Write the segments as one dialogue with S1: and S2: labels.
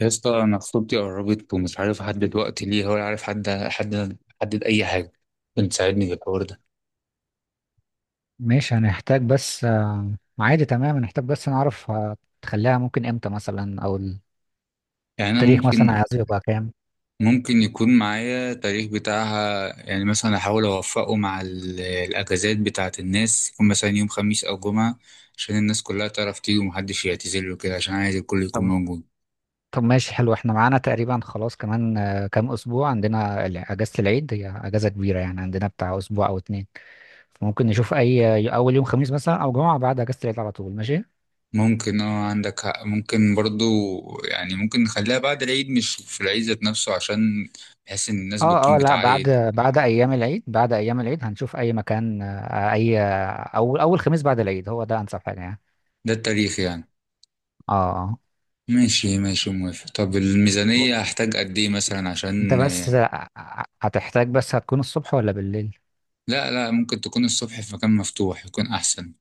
S1: يا اسطى، انا خطوبتي قربت ومش عارف احدد وقت ليها، ولا عارف حد احدد اي حاجه. ممكن تساعدني في الحوار ده؟
S2: ماشي، هنحتاج بس عادي. تمام، هنحتاج بس نعرف تخليها ممكن امتى مثلا، او
S1: يعني انا
S2: التاريخ مثلا
S1: ممكن.
S2: عايزه يبقى كام؟
S1: يكون معايا تاريخ بتاعها، يعني مثلا احاول اوفقه مع الاجازات بتاعه الناس، يكون مثلا يوم خميس او جمعه، عشان الناس كلها تعرف تيجي ومحدش يعتذر له كده، عشان عايز الكل يكون
S2: طب
S1: موجود.
S2: طب ماشي، حلو. احنا معانا تقريبا خلاص كمان كام اسبوع، عندنا اجازة العيد. هي اجازة كبيرة يعني، عندنا بتاع اسبوع او اتنين. فممكن نشوف اي اول يوم خميس مثلا، او جمعة بعد اجازة العيد على طول. ماشي.
S1: ممكن، اه عندك حق، ممكن برضو. يعني ممكن نخليها بعد العيد، مش في العيد ذات نفسه، عشان بحيث ان الناس
S2: اه،
S1: بتكون
S2: اه. لا، بعد.
S1: بتعيد.
S2: بعد ايام العيد هنشوف اي مكان آه، اي آه، اول خميس بعد العيد. هو ده انسب حاجة يعني.
S1: ده التاريخ يعني.
S2: اه،
S1: ماشي ماشي، موافق. طب الميزانية
S2: اه.
S1: هحتاج قد ايه مثلا؟
S2: انت
S1: عشان.
S2: بس هتحتاج، بس هتكون الصبح ولا بالليل؟
S1: لا لا، ممكن تكون الصبح في مكان مفتوح يكون احسن.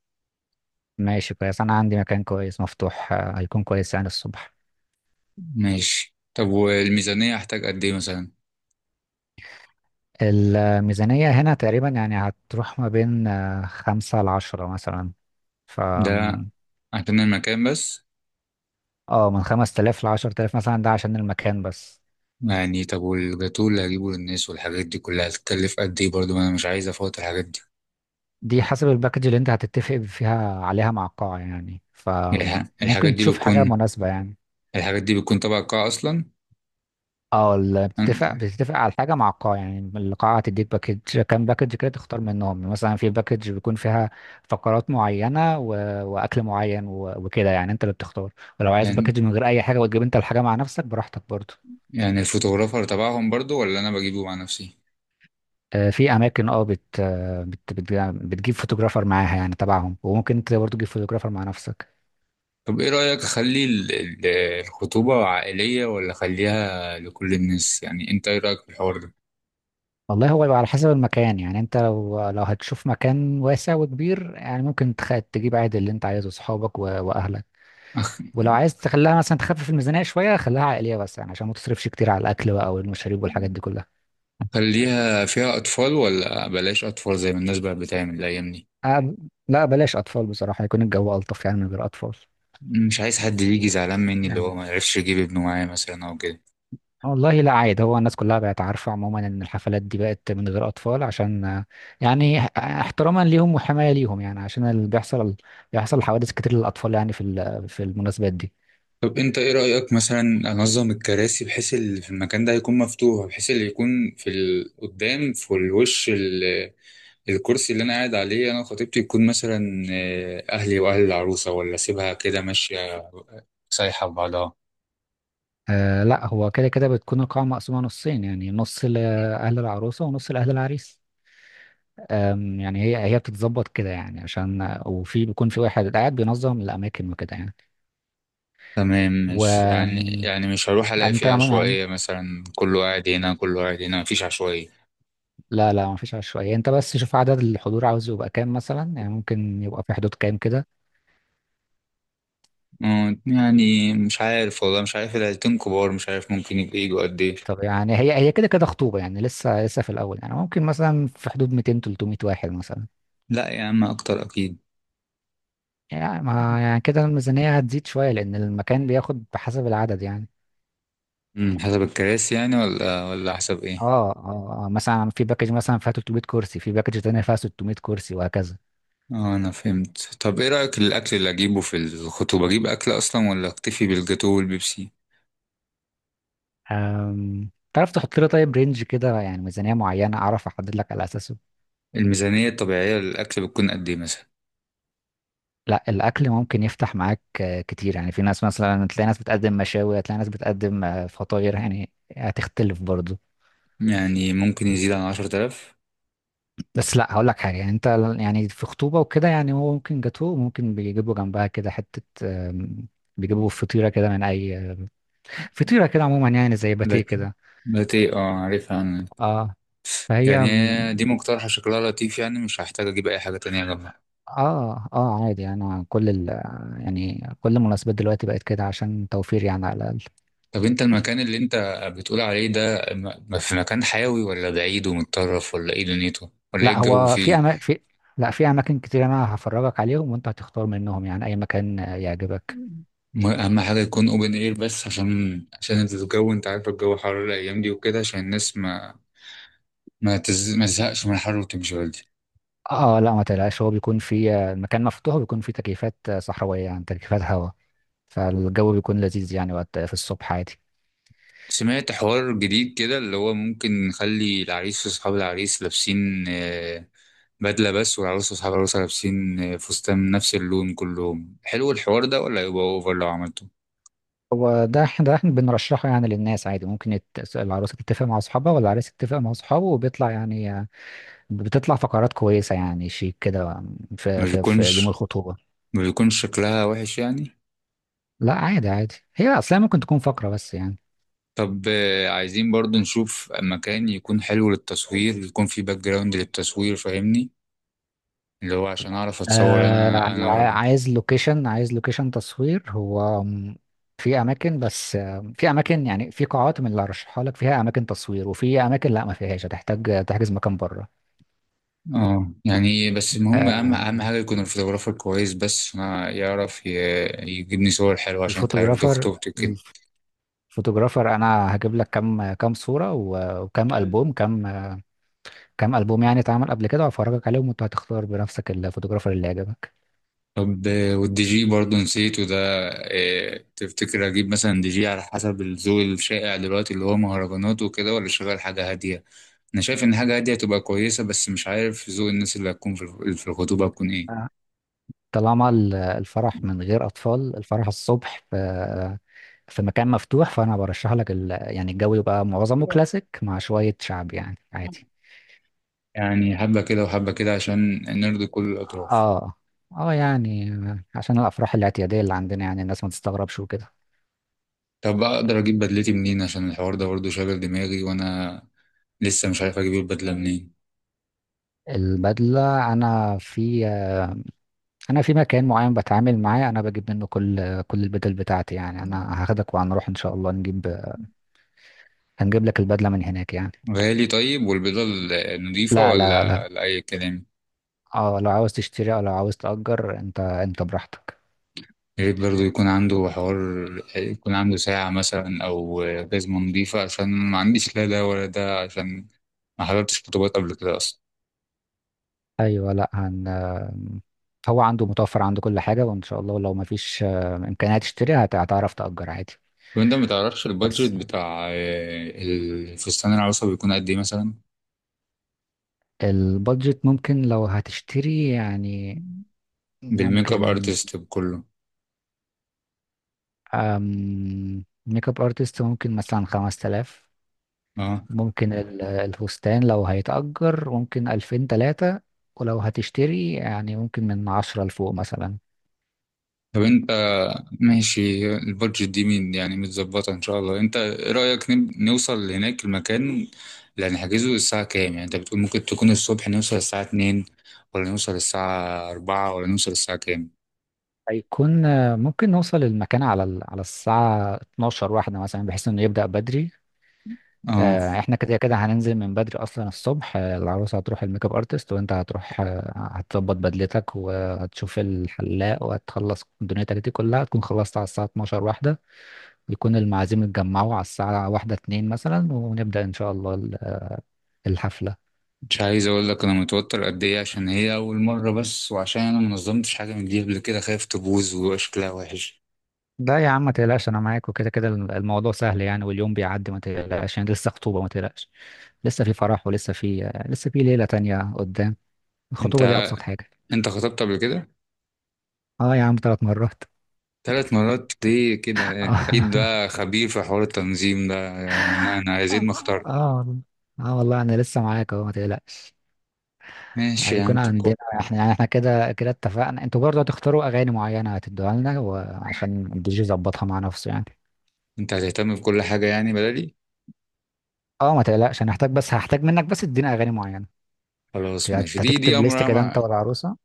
S2: ماشي، كويس. انا عندي مكان كويس مفتوح، هيكون كويس يعني الصبح.
S1: ماشي. طب والميزانية هحتاج قد ايه مثلا؟
S2: الميزانية هنا تقريبا يعني هتروح ما بين خمسة لعشرة مثلا. ف
S1: ده عشان المكان بس.
S2: اه، من 5 تلاف لعشر تلاف مثلا، ده عشان المكان بس.
S1: يعني طب والجاتوه اللي هجيبه للناس والحاجات دي كلها هتكلف قد ايه برضه؟ ما انا مش عايز افوت الحاجات دي.
S2: دي حسب الباكج اللي انت هتتفق فيها عليها مع القاعة يعني،
S1: الح- الحاجات
S2: فممكن
S1: دي
S2: تشوف حاجة
S1: بتكون
S2: مناسبة يعني.
S1: الحاجات دي بتكون تبع القاعة اصلا.
S2: اه، بتتفق على حاجه مع القاعه يعني. القاعه هتديك باكج، كام باكج كده تختار منهم. مثلا في باكج بيكون فيها فقرات معينه واكل معين وكده، يعني انت اللي بتختار. ولو عايز
S1: يعني
S2: باكج من غير اي حاجه، وتجيب انت الحاجه مع نفسك براحتك برضه.
S1: يعني الفوتوغرافر تبعهم برضه، ولا انا بجيبه مع نفسي؟
S2: في اماكن اه بت... آه، بت... بت... بتجيب فوتوغرافر معاها يعني تبعهم، وممكن انت برضه تجيب فوتوغرافر مع نفسك.
S1: طب ايه رأيك اخلي الخطوبة عائلية، ولا اخليها لكل الناس؟ يعني انت ايه رأيك في الحوار ده؟
S2: والله، هو بيبقى على حسب المكان يعني. انت لو هتشوف مكان واسع وكبير يعني، ممكن تجيب عادي اللي انت عايزه، اصحابك واهلك.
S1: أخ-
S2: ولو عايز تخليها مثلا تخفف الميزانية شوية، خليها عائلية بس يعني، عشان ما تصرفش كتير على الأكل بقى والمشاريب والحاجات دي كلها.
S1: اخليها فيها اطفال ولا بلاش اطفال زي ما الناس بقى بتعمل الايام دي؟
S2: أه، لا، بلاش أطفال بصراحة. يكون الجو ألطف يعني من غير أطفال.
S1: مش عايز حد يجي زعلان مني، اللي هو
S2: يعني
S1: ما يعرفش يجيب ابنه معايا مثلا او كده.
S2: والله لا، عادي. هو الناس كلها بقت عارفة عموما إن الحفلات دي بقت من غير أطفال، عشان يعني احتراما ليهم وحماية ليهم يعني. عشان اللي بيحصل، بيحصل حوادث كتير للأطفال يعني في في المناسبات دي.
S1: طب انت ايه رأيك مثلا انظم الكراسي بحيث اللي في المكان ده يكون مفتوح، بحيث اللي يكون في قدام في الوش، الكرسي اللي انا قاعد عليه انا وخطيبتي يكون مثلا اهلي واهل العروسه، ولا سيبها كده ماشيه سايحه ببعضها؟
S2: أه، لا، هو كده كده بتكون القاعة مقسومة نصين يعني، نص لأهل العروسة ونص لأهل العريس. يعني هي بتتظبط كده يعني، عشان وفي بيكون في واحد قاعد بينظم الاماكن وكده يعني.
S1: تمام.
S2: و
S1: مش يعني،
S2: أم،
S1: مش هروح الاقي
S2: يعني انت
S1: فيها
S2: عموماً يعني،
S1: عشوائيه، مثلا كله قاعد هنا كله قاعد هنا، مفيش عشوائيه.
S2: لا، لا، ما فيش عشوائيه يعني. انت بس شوف عدد الحضور عاوز يبقى كام مثلا، يعني ممكن يبقى في حدود كام كده؟
S1: يعني مش عارف والله، مش عارف، العيلتين كبار، مش عارف ممكن يبقى يجوا قد ايه.
S2: طب، يعني هي كده كده خطوبه يعني، لسه في الاول يعني، ممكن مثلا في حدود 200 300 واحد مثلا.
S1: لا يا عم، اكتر اكيد.
S2: يعني، ما يعني كده الميزانيه هتزيد شويه، لان المكان بياخد بحسب العدد يعني.
S1: حسب الكراسي يعني، ولا حسب ايه؟
S2: اه، اه، مثلا في باكج مثلا فيها 300 كرسي، في باكج تانية فيها 600 كرسي، وهكذا.
S1: اه انا فهمت. طب ايه رايك الاكل اللي اجيبه في الخطوبه، اجيب اكل اصلا ولا اكتفي بالجاتوه والبيبسي؟
S2: تعرف تحط لي طيب رينج كده يعني، ميزانية معينة أعرف أحدد لك على أساسه.
S1: الميزانية الطبيعية للأكل بتكون قد إيه مثلا؟
S2: لا، الأكل ممكن يفتح معاك كتير يعني. في ناس مثلا تلاقي ناس بتقدم مشاوي، هتلاقي ناس بتقدم فطاير يعني، هتختلف برضه.
S1: يعني ممكن يزيد عن 10 آلاف؟
S2: بس لا، هقول لك حاجة يعني. أنت يعني في خطوبة وكده يعني، هو ممكن جاتوه، ممكن بيجيبوا جنبها كده حتة، آم، بيجيبوا فطيرة كده من أي فطيرة كده عموما، يعني زي باتيه
S1: لكن
S2: كده.
S1: بقت إيه، أه عارفها أنا.
S2: اه. فهي
S1: يعني هي دي مقترحة، شكلها لطيف، يعني مش هحتاج أجيب أي حاجة تانية جنبها.
S2: اه، اه، عادي. انا كل ال يعني كل المناسبات دلوقتي بقت كده، عشان توفير يعني على الاقل.
S1: طب أنت المكان اللي أنت بتقول عليه ده، في مكان حيوي ولا بعيد ومتطرف، ولا إيه دنيته؟ ولا إيه
S2: لا
S1: الجو
S2: هو في
S1: فيه؟
S2: أما... في لا، في اماكن كتير، انا هفرجك عليهم وانت هتختار منهم يعني، اي مكان يعجبك.
S1: أهم حاجة يكون أوبن إير بس، عشان الجو، أنت عارف الجو حر الأيام دي وكده، عشان الناس ما، ما تزهقش من الحر وتمشي بدري.
S2: اه لا، ما تقلقش، هو بيكون في آه، المكان مفتوح، وبيكون فيه تكييفات صحراوية، يعني تكييفات هواء. فالجو بيكون لذيذ يعني وقت في الصبح عادي.
S1: سمعت حوار جديد كده، اللي هو ممكن نخلي العريس واصحاب العريس لابسين بدلة بس، والعروس واصحاب العروسة لابسين فستان من نفس اللون كلهم. حلو الحوار ده ولا يبقى اوفر لو عملته؟
S2: هو ده، احنا بنرشحه يعني للناس عادي. ممكن العروسة تتفق مع اصحابها والعريس يتفق مع اصحابه، وبيطلع يعني بتطلع فقرات كويسة يعني، شيك كده،
S1: ما
S2: في يوم
S1: بيكونش
S2: الخطوبة.
S1: ما بيكونش شكلها وحش يعني؟
S2: لا، عادي عادي، هي أصلا ممكن تكون فقرة بس يعني.
S1: طب عايزين برضو نشوف مكان يكون حلو للتصوير، يكون فيه باك جراوند للتصوير، فاهمني؟ اللي هو عشان اعرف اتصور
S2: آه
S1: انا.
S2: عايز لوكيشن، في أماكن، بس في أماكن يعني، في قاعات من اللي هرشحها لك فيها أماكن تصوير، وفي أماكن لا ما فيهاش هتحتاج تحجز مكان بره.
S1: اه يعني، بس المهم اهم
S2: آم،
S1: حاجه يكون الفوتوغرافر كويس، بس ما يعرف يجيبني صور حلوه، عشان انت عارف دي
S2: الفوتوغرافر
S1: خطوبتي كده.
S2: الفوتوغرافر أنا هجيب لك كام صورة، وكام ألبوم، كام ألبوم يعني اتعمل قبل كده، وأفرجك عليهم، وأنت هتختار بنفسك الفوتوغرافر اللي يعجبك.
S1: طب والدي جي برضه نسيته ده. تفتكر اجيب مثلا دي جي على حسب الذوق الشائع دلوقتي، اللي هو مهرجانات وكده، ولا شغال حاجه هاديه؟ انا شايف ان حاجه هاديه تبقى كويسه، بس مش عارف ذوق الناس اللي هتكون في في الخطوبه هتكون ايه.
S2: آه. طالما الفرح من غير أطفال، الفرح الصبح في مكان مفتوح، فأنا برشح لك يعني الجو يبقى معظمه كلاسيك مع شوية شعب يعني عادي.
S1: يعني حبه كده وحبه كده، عشان نرضي كل الاطراف.
S2: اه، اه. يعني عشان الأفراح الاعتيادية اللي عندنا يعني، الناس ما تستغربش وكده.
S1: طب اقدر اجيب بدلتي منين؟ عشان الحوار ده برضه شاغل دماغي، وانا لسه مش عارف اجيب البدله منين.
S2: البدلة، أنا في مكان معين بتعامل معاه، أنا بجيب منه كل البدل بتاعتي يعني. أنا هاخدك وهنروح إن شاء الله هنجيب لك البدلة من هناك يعني.
S1: غالي. طيب والبيضه النظيفه
S2: لا، لا، لا.
S1: ولا لاي كلام؟
S2: اه، لو عاوز تشتري او لو عاوز تأجر، انت براحتك.
S1: يا ريت برضه يكون عنده حوار، يكون عنده ساعه مثلا او جزمه نظيفه، عشان ما عنديش لا ده ولا ده، عشان ما حضرتش خطوبات قبل كده اصلا.
S2: ايوه. لا، هن آم، هو عنده متوفر، عنده كل حاجة، وان شاء الله لو مفيش امكانية تشتري، هتعرف تأجر عادي.
S1: وانت ما تعرفش البادجت
S2: بس،
S1: بتاع الفستان، العروسه بيكون قد ايه مثلا؟
S2: البادجت ممكن لو هتشتري يعني.
S1: بالميك اب
S2: ممكن.
S1: ارتست بكله.
S2: ميك اب ارتست ممكن مثلا 5 تلاف.
S1: اه.
S2: ممكن الفستان لو هيتأجر ممكن ألفين تلاتة، ولو هتشتري يعني ممكن من عشرة لفوق مثلا.
S1: طب انت، ماشي. البادجت دي مين، يعني متظبطة ان شاء الله. انت ايه رأيك نوصل هناك المكان اللي هنحجزه الساعة كام؟ يعني انت بتقول ممكن تكون الصبح. نوصل الساعة 2 ولا نوصل الساعة 4 ولا نوصل الساعة كام؟
S2: هيكون ممكن نوصل المكان على على الساعة 12 واحدة مثلا، بحيث انه يبدأ بدري.
S1: اه.
S2: احنا كده كده هننزل من بدري اصلا الصبح، العروسة هتروح الميك اب ارتست، وانت هتروح هتظبط بدلتك وهتشوف الحلاق، وهتخلص دنيتك دي كلها تكون خلصت على الساعة 12 واحدة. يكون المعازيم اتجمعوا على الساعة واحدة اتنين مثلا، ونبدأ ان شاء الله الحفلة.
S1: مش عايز اقول لك انا متوتر قد ايه، عشان هي اول مرة بس، وعشان انا منظمتش حاجة من دي قبل كده، خايف تبوظ ويبقى شكلها وحش.
S2: لا يا عم، ما تقلقش، انا معاك، وكده كده الموضوع سهل يعني، واليوم بيعدي، ما تقلقش يعني، لسه خطوبة ما تقلقش، لسه في فرح، ولسه في ليلة تانية قدام.
S1: انت
S2: الخطوبة دي ابسط حاجة.
S1: انت خطبت قبل كده؟
S2: اه يا عم، ثلاث مرات.
S1: 3 مرات ليه كده يعني؟ اكيد
S2: اه،
S1: ده خبير في حوار التنظيم ده، يعني انا عايزين
S2: اه،
S1: ما اختار.
S2: والله. اه والله، انا لسه معاك اهو، ما تقلقش.
S1: ماشي يا عم،
S2: هيكون عندنا احنا يعني، احنا كده كده اتفقنا. انتوا برضه هتختاروا اغاني معينة، هتدوها لنا وعشان الدي جي يظبطها مع نفسه يعني.
S1: انت هتهتم بكل حاجة يعني بدلي؟
S2: اه، ما تقلقش، انا هحتاج بس هحتاج منك بس تدينا اغاني معينة.
S1: خلاص ماشي. دي
S2: هتكتب ليست
S1: امرها
S2: كده
S1: مع.
S2: انت والعروسة.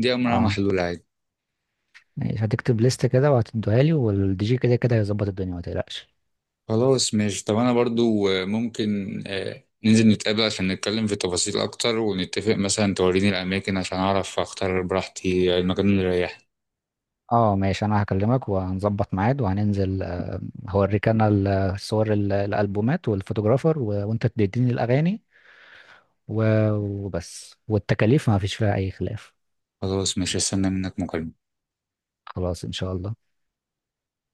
S1: دي امرها
S2: اه
S1: محلول عادي.
S2: ماشي، هتكتب ليست كده وهتديها لي، والدي جي كده كده هيظبط الدنيا، ما تقلقش.
S1: خلاص ماشي. طب انا برضو ممكن ننزل نتقابل عشان نتكلم في تفاصيل اكتر، ونتفق مثلا توريني الاماكن عشان اعرف اختار براحتي المكان اللي يريحني.
S2: اه ماشي، انا هكلمك وهنظبط ميعاد وهننزل، هوريك انا الصور الالبومات والفوتوغرافر، وانت تديني الاغاني، و... وبس، والتكاليف ما فيش فيها اي خلاف.
S1: خلاص ماشي، استنى منك مكالمة.
S2: خلاص، ان شاء الله.